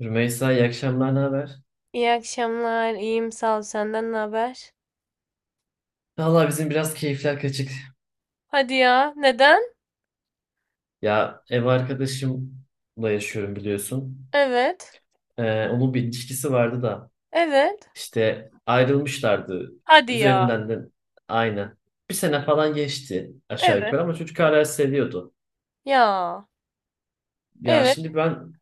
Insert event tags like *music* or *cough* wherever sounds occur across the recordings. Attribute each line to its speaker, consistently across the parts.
Speaker 1: Rümeysa iyi akşamlar, ne haber?
Speaker 2: İyi akşamlar. İyiyim sağ ol. Senden ne haber?
Speaker 1: Valla bizim biraz keyifler kaçık.
Speaker 2: Hadi ya. Neden?
Speaker 1: Ya ev arkadaşımla yaşıyorum biliyorsun.
Speaker 2: Evet.
Speaker 1: Onun bir ilişkisi vardı da
Speaker 2: Evet.
Speaker 1: işte ayrılmışlardı.
Speaker 2: Hadi ya.
Speaker 1: Üzerinden de aynı. Bir sene falan geçti aşağı
Speaker 2: Evet.
Speaker 1: yukarı ama çocuk hala
Speaker 2: Okey.
Speaker 1: seviyordu.
Speaker 2: Ya.
Speaker 1: Ya
Speaker 2: Evet.
Speaker 1: şimdi ben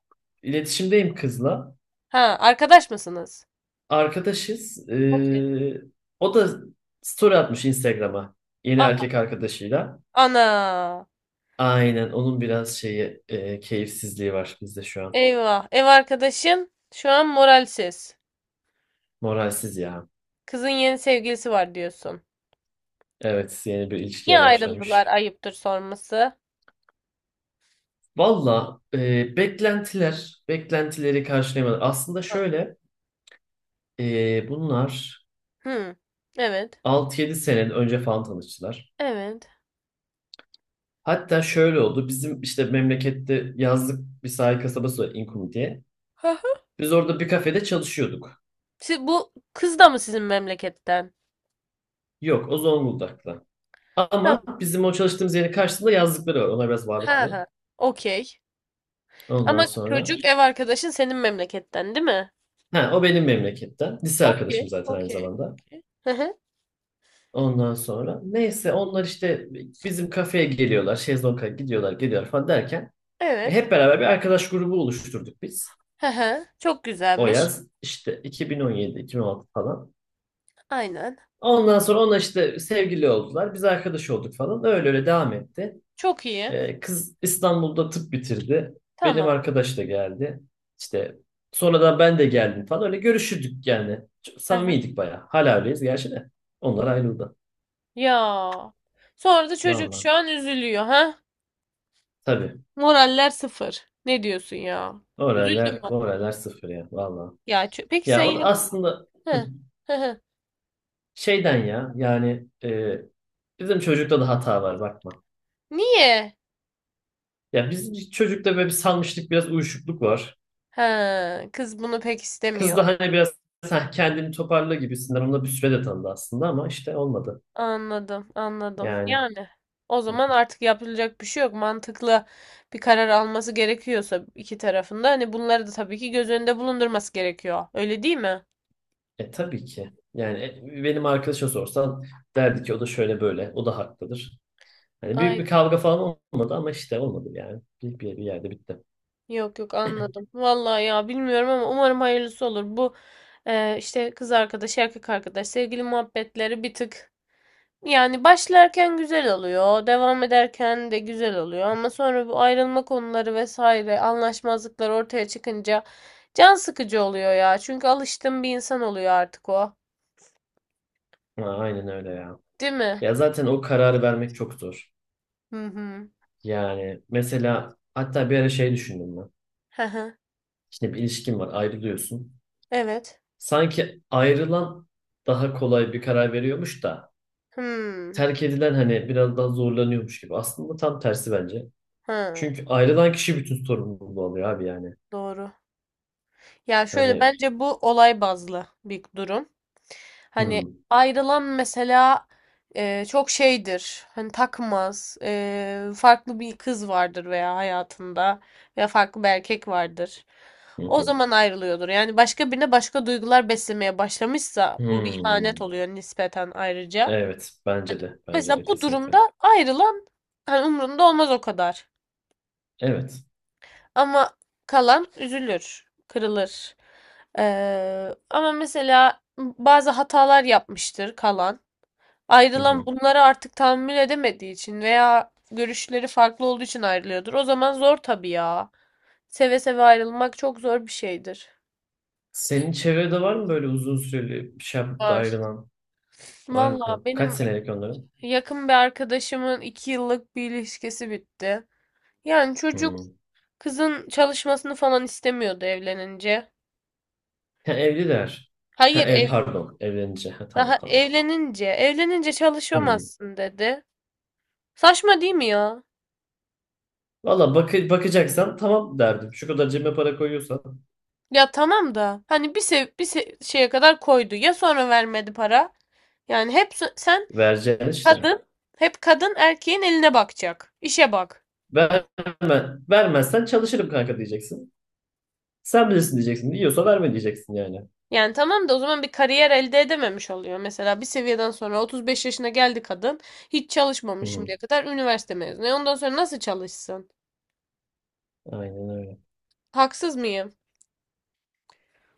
Speaker 1: iletişimdeyim kızla.
Speaker 2: Ha, arkadaş mısınız?
Speaker 1: Arkadaşız.
Speaker 2: Okey.
Speaker 1: O da story atmış Instagram'a yeni
Speaker 2: Aha.
Speaker 1: erkek arkadaşıyla.
Speaker 2: Ana.
Speaker 1: Aynen onun biraz şeyi keyifsizliği var bizde şu an.
Speaker 2: Eyvah. Ev arkadaşın şu an moralsiz.
Speaker 1: Moralsiz ya.
Speaker 2: Kızın yeni sevgilisi var diyorsun.
Speaker 1: Evet, yeni bir
Speaker 2: Niye
Speaker 1: ilişkiye
Speaker 2: ayrıldılar?
Speaker 1: başlamış.
Speaker 2: Ayıptır sorması.
Speaker 1: Valla beklentiler, beklentileri karşılayamadı. Aslında
Speaker 2: Hı.
Speaker 1: şöyle, bunlar
Speaker 2: Hı. Evet.
Speaker 1: 6 yedi sene önce falan tanıştılar.
Speaker 2: Evet.
Speaker 1: Hatta şöyle oldu, bizim işte memlekette yazlık bir sahil kasabası var İnkum diye.
Speaker 2: Hı hı.
Speaker 1: Biz orada bir kafede çalışıyorduk.
Speaker 2: Siz, bu kız da mı sizin memleketten?
Speaker 1: Yok, o Zonguldak'ta. Ama
Speaker 2: Tamam.
Speaker 1: bizim o çalıştığımız yerin karşısında yazlıkları var. Onlar biraz
Speaker 2: Ha
Speaker 1: varlıklı.
Speaker 2: ha. Okey.
Speaker 1: Ondan
Speaker 2: Ama
Speaker 1: sonra.
Speaker 2: çocuk ev arkadaşın senin memleketten değil mi?
Speaker 1: Ha, o benim memleketten. Lise arkadaşım
Speaker 2: Okey,
Speaker 1: zaten aynı
Speaker 2: okey,
Speaker 1: zamanda.
Speaker 2: okey. Hı hı,
Speaker 1: Ondan sonra neyse onlar işte bizim kafeye geliyorlar. Şezlong'a gidiyorlar geliyorlar falan derken
Speaker 2: evet.
Speaker 1: hep beraber bir arkadaş grubu oluşturduk biz.
Speaker 2: Hı hı, çok
Speaker 1: O
Speaker 2: güzelmiş.
Speaker 1: yaz işte 2017-2016 falan.
Speaker 2: Aynen.
Speaker 1: Ondan sonra onlar işte sevgili oldular. Biz arkadaş olduk falan. Öyle öyle devam etti.
Speaker 2: Çok iyi.
Speaker 1: Kız İstanbul'da tıp bitirdi. Benim
Speaker 2: Tamam.
Speaker 1: arkadaş da geldi. İşte sonradan ben de geldim falan. Öyle görüşürdük yani. Çok
Speaker 2: Hı hı.
Speaker 1: samimiydik bayağı. Hala öyleyiz gerçi de. Onlar ayrıldı.
Speaker 2: Ya. Sonra da çocuk
Speaker 1: Vallahi.
Speaker 2: şu an üzülüyor ha?
Speaker 1: Tabii.
Speaker 2: Moraller sıfır. Ne diyorsun ya? Üzüldüm
Speaker 1: Oralar,
Speaker 2: bak.
Speaker 1: oralar sıfır ya valla.
Speaker 2: Peki sen
Speaker 1: Ya o da
Speaker 2: yine...
Speaker 1: aslında hı,
Speaker 2: Hı, hı hı.
Speaker 1: şeyden ya yani bizim çocukta da hata var bakma.
Speaker 2: Niye?
Speaker 1: Ya bizim çocukta böyle bir salmışlık biraz uyuşukluk var.
Speaker 2: Ha, kız bunu pek
Speaker 1: Kız
Speaker 2: istemiyor.
Speaker 1: da hani biraz "Sen kendini toparla gibisinden onunla bir süre de tanıdı aslında ama işte olmadı.
Speaker 2: Anladım, anladım.
Speaker 1: Yani
Speaker 2: Yani o zaman artık yapılacak bir şey yok. Mantıklı bir karar alması gerekiyorsa iki tarafında hani bunları da tabii ki göz önünde bulundurması gerekiyor. Öyle değil mi?
Speaker 1: e tabii ki. Yani benim arkadaşa sorsan derdi ki o da şöyle böyle o da haklıdır. Hani büyük
Speaker 2: Ay
Speaker 1: bir kavga falan olmadı ama işte olmadı yani. Bir yerde bitti.
Speaker 2: yok yok anladım. Vallahi ya bilmiyorum ama umarım hayırlısı olur. Bu işte kız arkadaş, erkek arkadaş, sevgili muhabbetleri bir tık. Yani başlarken güzel oluyor, devam ederken de güzel oluyor ama sonra bu ayrılma konuları vesaire, anlaşmazlıklar ortaya çıkınca can sıkıcı oluyor ya. Çünkü alıştığım bir insan oluyor artık o.
Speaker 1: Ha, aynen öyle ya.
Speaker 2: Değil mi?
Speaker 1: Ya zaten o kararı vermek çok zor.
Speaker 2: Hı hı.
Speaker 1: Yani mesela hatta bir ara şey düşündüm ben.
Speaker 2: Hı hı.
Speaker 1: Şimdi bir ilişkin var, ayrılıyorsun.
Speaker 2: Evet.
Speaker 1: Sanki ayrılan daha kolay bir karar veriyormuş da
Speaker 2: Hmm.
Speaker 1: terk edilen hani biraz daha zorlanıyormuş gibi. Aslında tam tersi bence.
Speaker 2: Hı.
Speaker 1: Çünkü ayrılan kişi bütün sorumluluğu alıyor abi yani.
Speaker 2: Doğru. Ya şöyle
Speaker 1: Hani
Speaker 2: bence bu olay bazlı bir durum. Hani
Speaker 1: hmm,
Speaker 2: ayrılan mesela çok şeydir. Hani takmaz. E, farklı bir kız vardır veya hayatında veya farklı bir erkek vardır.
Speaker 1: hı
Speaker 2: O
Speaker 1: hı,
Speaker 2: zaman ayrılıyordur. Yani başka birine başka duygular beslemeye başlamışsa bu bir ihanet
Speaker 1: hmm.
Speaker 2: oluyor nispeten ayrıca.
Speaker 1: Evet, bence de. Bence
Speaker 2: Mesela
Speaker 1: de
Speaker 2: bu
Speaker 1: kesinlikle.
Speaker 2: durumda ayrılan hani umrunda olmaz o kadar.
Speaker 1: Evet.
Speaker 2: Ama kalan üzülür, kırılır. Ama mesela bazı hatalar yapmıştır kalan.
Speaker 1: Hı
Speaker 2: Ayrılan
Speaker 1: hı.
Speaker 2: bunları artık tahammül edemediği için veya görüşleri farklı olduğu için ayrılıyordur. O zaman zor tabii ya. Seve seve ayrılmak çok zor bir şeydir.
Speaker 1: Senin çevrede var mı böyle uzun süreli bir şey yapıp da
Speaker 2: Var.
Speaker 1: ayrılan? Var
Speaker 2: Valla
Speaker 1: mı? Kaç
Speaker 2: benim
Speaker 1: senelik onların?
Speaker 2: yakın bir arkadaşımın 2 yıllık bir ilişkisi bitti. Yani çocuk
Speaker 1: Hmm.
Speaker 2: kızın çalışmasını falan istemiyordu evlenince.
Speaker 1: Ha, evliler. Ha,
Speaker 2: Hayır,
Speaker 1: ev
Speaker 2: ev,
Speaker 1: pardon. Evlenince. Ha,
Speaker 2: Daha
Speaker 1: tamam tamam.
Speaker 2: evlenince, evlenince
Speaker 1: Hmm.
Speaker 2: çalışamazsın dedi. Saçma değil mi ya?
Speaker 1: Valla bak bakacaksan tamam derdim. Şu kadar cebime para koyuyorsan
Speaker 2: Ya tamam da hani bir sev bir se- şeye kadar koydu. Ya sonra vermedi para? Yani
Speaker 1: vereceksin işte.
Speaker 2: kadın, hep kadın erkeğin eline bakacak. İşe bak.
Speaker 1: Verme, vermezsen çalışırım kanka diyeceksin. Sen bilirsin diyeceksin. Diyorsa verme diyeceksin yani.
Speaker 2: Yani tamam da o zaman bir kariyer elde edememiş oluyor. Mesela bir seviyeden sonra 35 yaşına geldi kadın. Hiç çalışmamış
Speaker 1: Hmm.
Speaker 2: şimdiye kadar. Üniversite mezunu. E ondan sonra nasıl çalışsın?
Speaker 1: Aynen öyle.
Speaker 2: Haksız mıyım?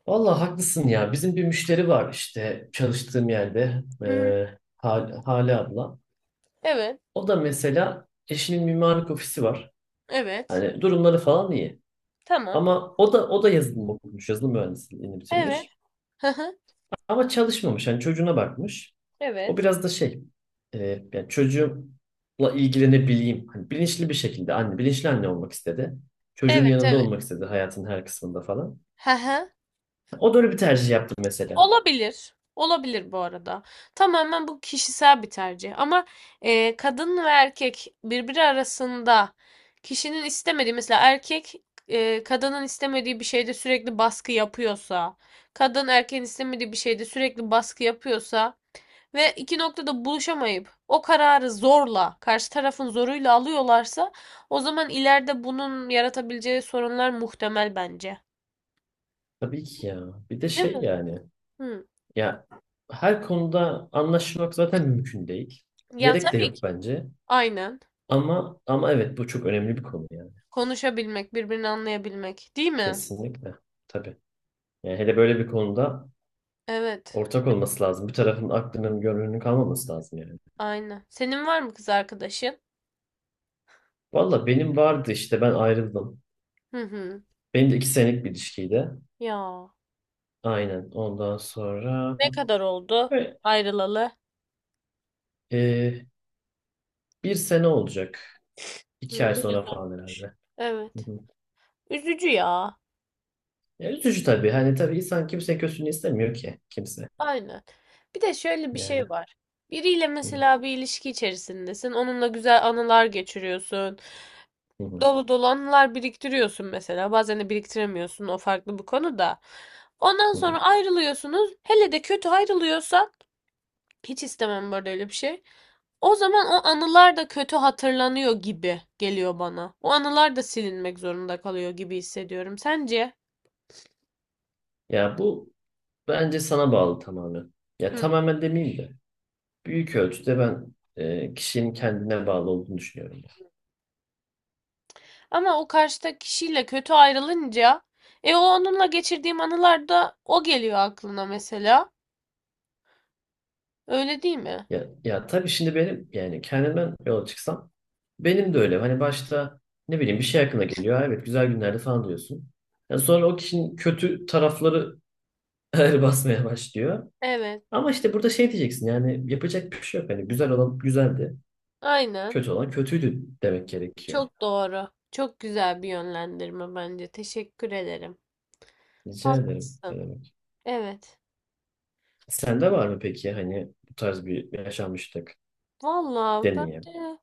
Speaker 1: Valla haklısın ya. Bizim bir müşteri var işte çalıştığım yerde.
Speaker 2: Hı.
Speaker 1: Hale abla.
Speaker 2: Evet.
Speaker 1: O da mesela eşinin mimarlık ofisi var.
Speaker 2: Evet.
Speaker 1: Hani durumları falan iyi.
Speaker 2: Tamam.
Speaker 1: Ama o da yazılım okumuş, yazılım mühendisliğini
Speaker 2: Evet.
Speaker 1: bitirmiş.
Speaker 2: Hı hı.
Speaker 1: Ama çalışmamış. Hani çocuğuna bakmış. O
Speaker 2: Evet.
Speaker 1: biraz da şey, yani çocuğumla ilgilenebileyim. Hani bilinçli bir şekilde anne, bilinçli anne olmak istedi. Çocuğun
Speaker 2: Evet,
Speaker 1: yanında
Speaker 2: evet.
Speaker 1: olmak istedi hayatın her kısmında falan.
Speaker 2: Hı hı.
Speaker 1: O da öyle bir tercih yaptı mesela.
Speaker 2: Olabilir. Olabilir bu arada. Tamamen bu kişisel bir tercih. Ama kadın ve erkek birbiri arasında kişinin istemediği mesela kadının istemediği bir şeyde sürekli baskı yapıyorsa, kadın erkeğin istemediği bir şeyde sürekli baskı yapıyorsa ve iki noktada buluşamayıp o kararı zorla, karşı tarafın zoruyla alıyorlarsa o zaman ileride bunun yaratabileceği sorunlar muhtemel bence.
Speaker 1: Tabii ki ya. Bir de
Speaker 2: Değil
Speaker 1: şey
Speaker 2: mi?
Speaker 1: yani.
Speaker 2: Hı.
Speaker 1: Ya her konuda anlaşmak zaten mümkün değil.
Speaker 2: Ya
Speaker 1: Gerek de
Speaker 2: tabii
Speaker 1: yok
Speaker 2: ki.
Speaker 1: bence.
Speaker 2: Aynen.
Speaker 1: Ama evet bu çok önemli bir konu yani.
Speaker 2: Konuşabilmek, birbirini anlayabilmek, değil mi?
Speaker 1: Kesinlikle. Tabii. Yani hele böyle bir konuda
Speaker 2: Evet,
Speaker 1: ortak olması lazım. Bir tarafın aklının gönlünün kalmaması lazım yani.
Speaker 2: aynen. Senin var mı kız arkadaşın?
Speaker 1: Valla benim vardı işte ben ayrıldım.
Speaker 2: Hı hı.
Speaker 1: Benim de iki senelik bir ilişkiydi.
Speaker 2: Ya.
Speaker 1: Aynen. Ondan sonra
Speaker 2: Ne kadar oldu
Speaker 1: Ve,
Speaker 2: ayrılalı?
Speaker 1: e, bir sene olacak. İki ay
Speaker 2: Hı,
Speaker 1: sonra
Speaker 2: biraz
Speaker 1: falan
Speaker 2: olmuş.
Speaker 1: herhalde. Hı
Speaker 2: Evet.
Speaker 1: hı.
Speaker 2: Üzücü ya.
Speaker 1: Ya üzücü tabii. Hani tabii insan kimse kötülüğünü istemiyor ki. Kimse.
Speaker 2: Aynen. Bir de şöyle bir şey
Speaker 1: Yani.
Speaker 2: var. Biriyle
Speaker 1: Hı hı,
Speaker 2: mesela bir ilişki içerisindesin. Onunla güzel anılar geçiriyorsun.
Speaker 1: hı hı,
Speaker 2: Dolu dolu anılar biriktiriyorsun mesela. Bazen de biriktiremiyorsun. O farklı bir konu da. Ondan
Speaker 1: hı hı.
Speaker 2: sonra ayrılıyorsunuz. Hele de kötü ayrılıyorsa hiç istemem böyle öyle bir şey. O zaman o anılar da kötü hatırlanıyor gibi geliyor bana. O anılar da silinmek zorunda kalıyor gibi hissediyorum. Sence?
Speaker 1: Ya bu bence sana bağlı tamamen. Ya
Speaker 2: Hı.
Speaker 1: tamamen demeyeyim de. Büyük ölçüde ben kişinin kendine bağlı olduğunu düşünüyorum.
Speaker 2: Ama o karşıdaki kişiyle kötü ayrılınca e o onunla geçirdiğim anılarda o geliyor aklına mesela. Öyle değil mi?
Speaker 1: Ya, ya tabii şimdi benim yani kendimden yola çıksam benim de öyle. Hani başta ne bileyim bir şey aklına geliyor. "Aa, evet güzel günlerde falan diyorsun. Ya sonra o kişinin kötü tarafları *laughs* ağır basmaya başlıyor.
Speaker 2: Evet.
Speaker 1: Ama işte burada şey diyeceksin yani yapacak bir şey yok. Hani güzel olan güzeldi.
Speaker 2: Aynen.
Speaker 1: Kötü olan kötüydü demek gerekiyor.
Speaker 2: Çok doğru. Çok güzel bir yönlendirme bence. Teşekkür ederim.
Speaker 1: Rica ederim. Ne
Speaker 2: Haklısın.
Speaker 1: demek.
Speaker 2: Evet.
Speaker 1: Sende var mı peki hani bu tarz bir yaşanmışlık
Speaker 2: Vallahi ben
Speaker 1: deneyim?
Speaker 2: de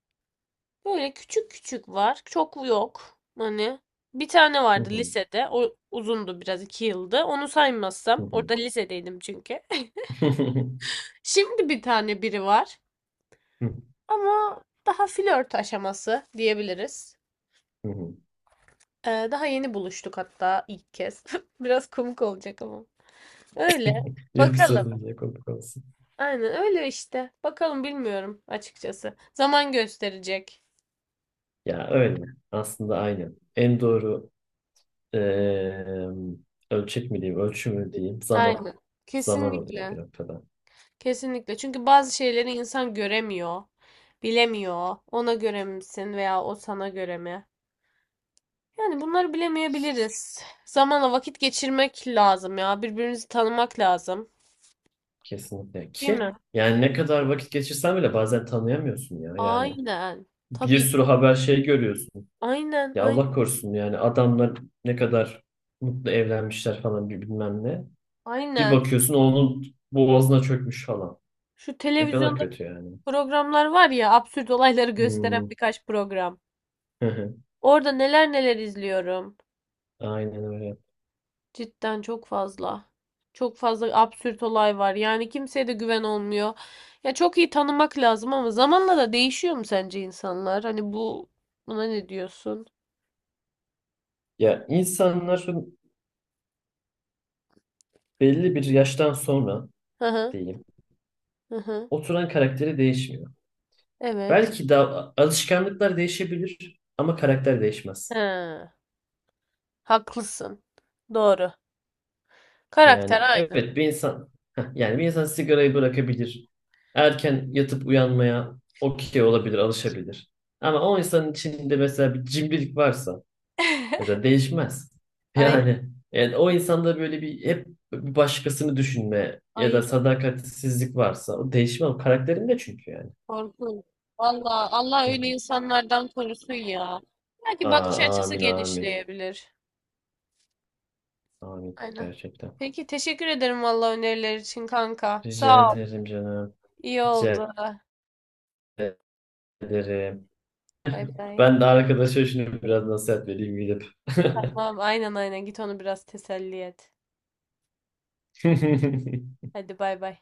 Speaker 2: böyle küçük küçük var. Çok yok. Hani bir tane
Speaker 1: Hı
Speaker 2: vardı
Speaker 1: hı,
Speaker 2: lisede. O uzundu biraz, 2 yıldı. Onu
Speaker 1: hı
Speaker 2: saymazsam.
Speaker 1: hı.
Speaker 2: Orada lisedeydim çünkü. *laughs*
Speaker 1: *laughs*
Speaker 2: Şimdi bir tane biri var.
Speaker 1: Hı hı,
Speaker 2: Ama daha flört aşaması diyebiliriz.
Speaker 1: hı hı.
Speaker 2: Daha yeni buluştuk hatta ilk kez. *laughs* Biraz komik olacak ama. Öyle.
Speaker 1: Yok
Speaker 2: Bakalım.
Speaker 1: canım diye komik.
Speaker 2: Aynen öyle işte. Bakalım bilmiyorum açıkçası. Zaman gösterecek.
Speaker 1: Ya öyle. Aslında aynen. En doğru eee, ölçek mi diyeyim, ölçü mü diyeyim zaman.
Speaker 2: Aynen.
Speaker 1: Zaman oluyor bir
Speaker 2: Kesinlikle.
Speaker 1: noktada.
Speaker 2: Kesinlikle. Çünkü bazı şeyleri insan göremiyor, bilemiyor. Ona göre misin veya o sana göre mi? Yani bunları bilemeyebiliriz. Zamanla vakit geçirmek lazım ya. Birbirinizi tanımak lazım.
Speaker 1: Kesinlikle.
Speaker 2: Değil mi?
Speaker 1: Ki yani ne kadar vakit geçirsen bile bazen tanıyamıyorsun ya. Yani
Speaker 2: Aynen.
Speaker 1: bir
Speaker 2: Tabii.
Speaker 1: sürü haber şey görüyorsun.
Speaker 2: Aynen,
Speaker 1: Ya
Speaker 2: aynen,
Speaker 1: Allah korusun yani adamlar ne kadar mutlu evlenmişler falan bir bilmem ne. Bir
Speaker 2: aynen.
Speaker 1: bakıyorsun onun boğazına çökmüş falan.
Speaker 2: Şu
Speaker 1: Ne kadar
Speaker 2: televizyonda
Speaker 1: kötü yani.
Speaker 2: programlar var ya, absürt olayları gösteren
Speaker 1: Hmm.
Speaker 2: birkaç program.
Speaker 1: *laughs*
Speaker 2: Orada neler neler izliyorum.
Speaker 1: Aynen öyle.
Speaker 2: Cidden çok fazla. Çok fazla absürt olay var. Yani kimseye de güven olmuyor. Ya çok iyi tanımak lazım ama zamanla da değişiyor mu sence insanlar? Hani bu buna ne diyorsun?
Speaker 1: Ya insanların belli bir yaştan sonra
Speaker 2: Hı hı
Speaker 1: diyeyim.
Speaker 2: hı hı.
Speaker 1: Oturan karakteri değişmiyor.
Speaker 2: Evet.
Speaker 1: Belki de alışkanlıklar değişebilir ama karakter değişmez.
Speaker 2: He, haklısın. Doğru. Karakter
Speaker 1: Yani
Speaker 2: aynı.
Speaker 1: evet bir insan yani bir insan sigarayı bırakabilir. Erken yatıp uyanmaya okey olabilir, alışabilir. Ama o insanın içinde mesela bir cimrilik varsa mesela değişmez. *laughs*
Speaker 2: Aynı.
Speaker 1: Yani yani o insanda böyle bir hep bir başkasını düşünme ya da
Speaker 2: Ay
Speaker 1: sadakatsizlik varsa o değişmez. O karakterinde çünkü yani.
Speaker 2: korkunç. Valla Allah
Speaker 1: Hı
Speaker 2: öyle
Speaker 1: hı.
Speaker 2: insanlardan korusun ya. Belki bakış
Speaker 1: Aa,
Speaker 2: açısı
Speaker 1: amin amin.
Speaker 2: genişleyebilir.
Speaker 1: Amin
Speaker 2: Aynen.
Speaker 1: gerçekten.
Speaker 2: Peki teşekkür ederim valla öneriler için kanka.
Speaker 1: Rica
Speaker 2: Sağ ol.
Speaker 1: ederim canım.
Speaker 2: İyi
Speaker 1: Rica
Speaker 2: oldu.
Speaker 1: ederim.
Speaker 2: Bay bay.
Speaker 1: Ben de arkadaşa şunu biraz nasihat vereyim gidip.
Speaker 2: Tamam aynen aynen git onu biraz teselli et.
Speaker 1: *laughs*
Speaker 2: Hadi bay bay.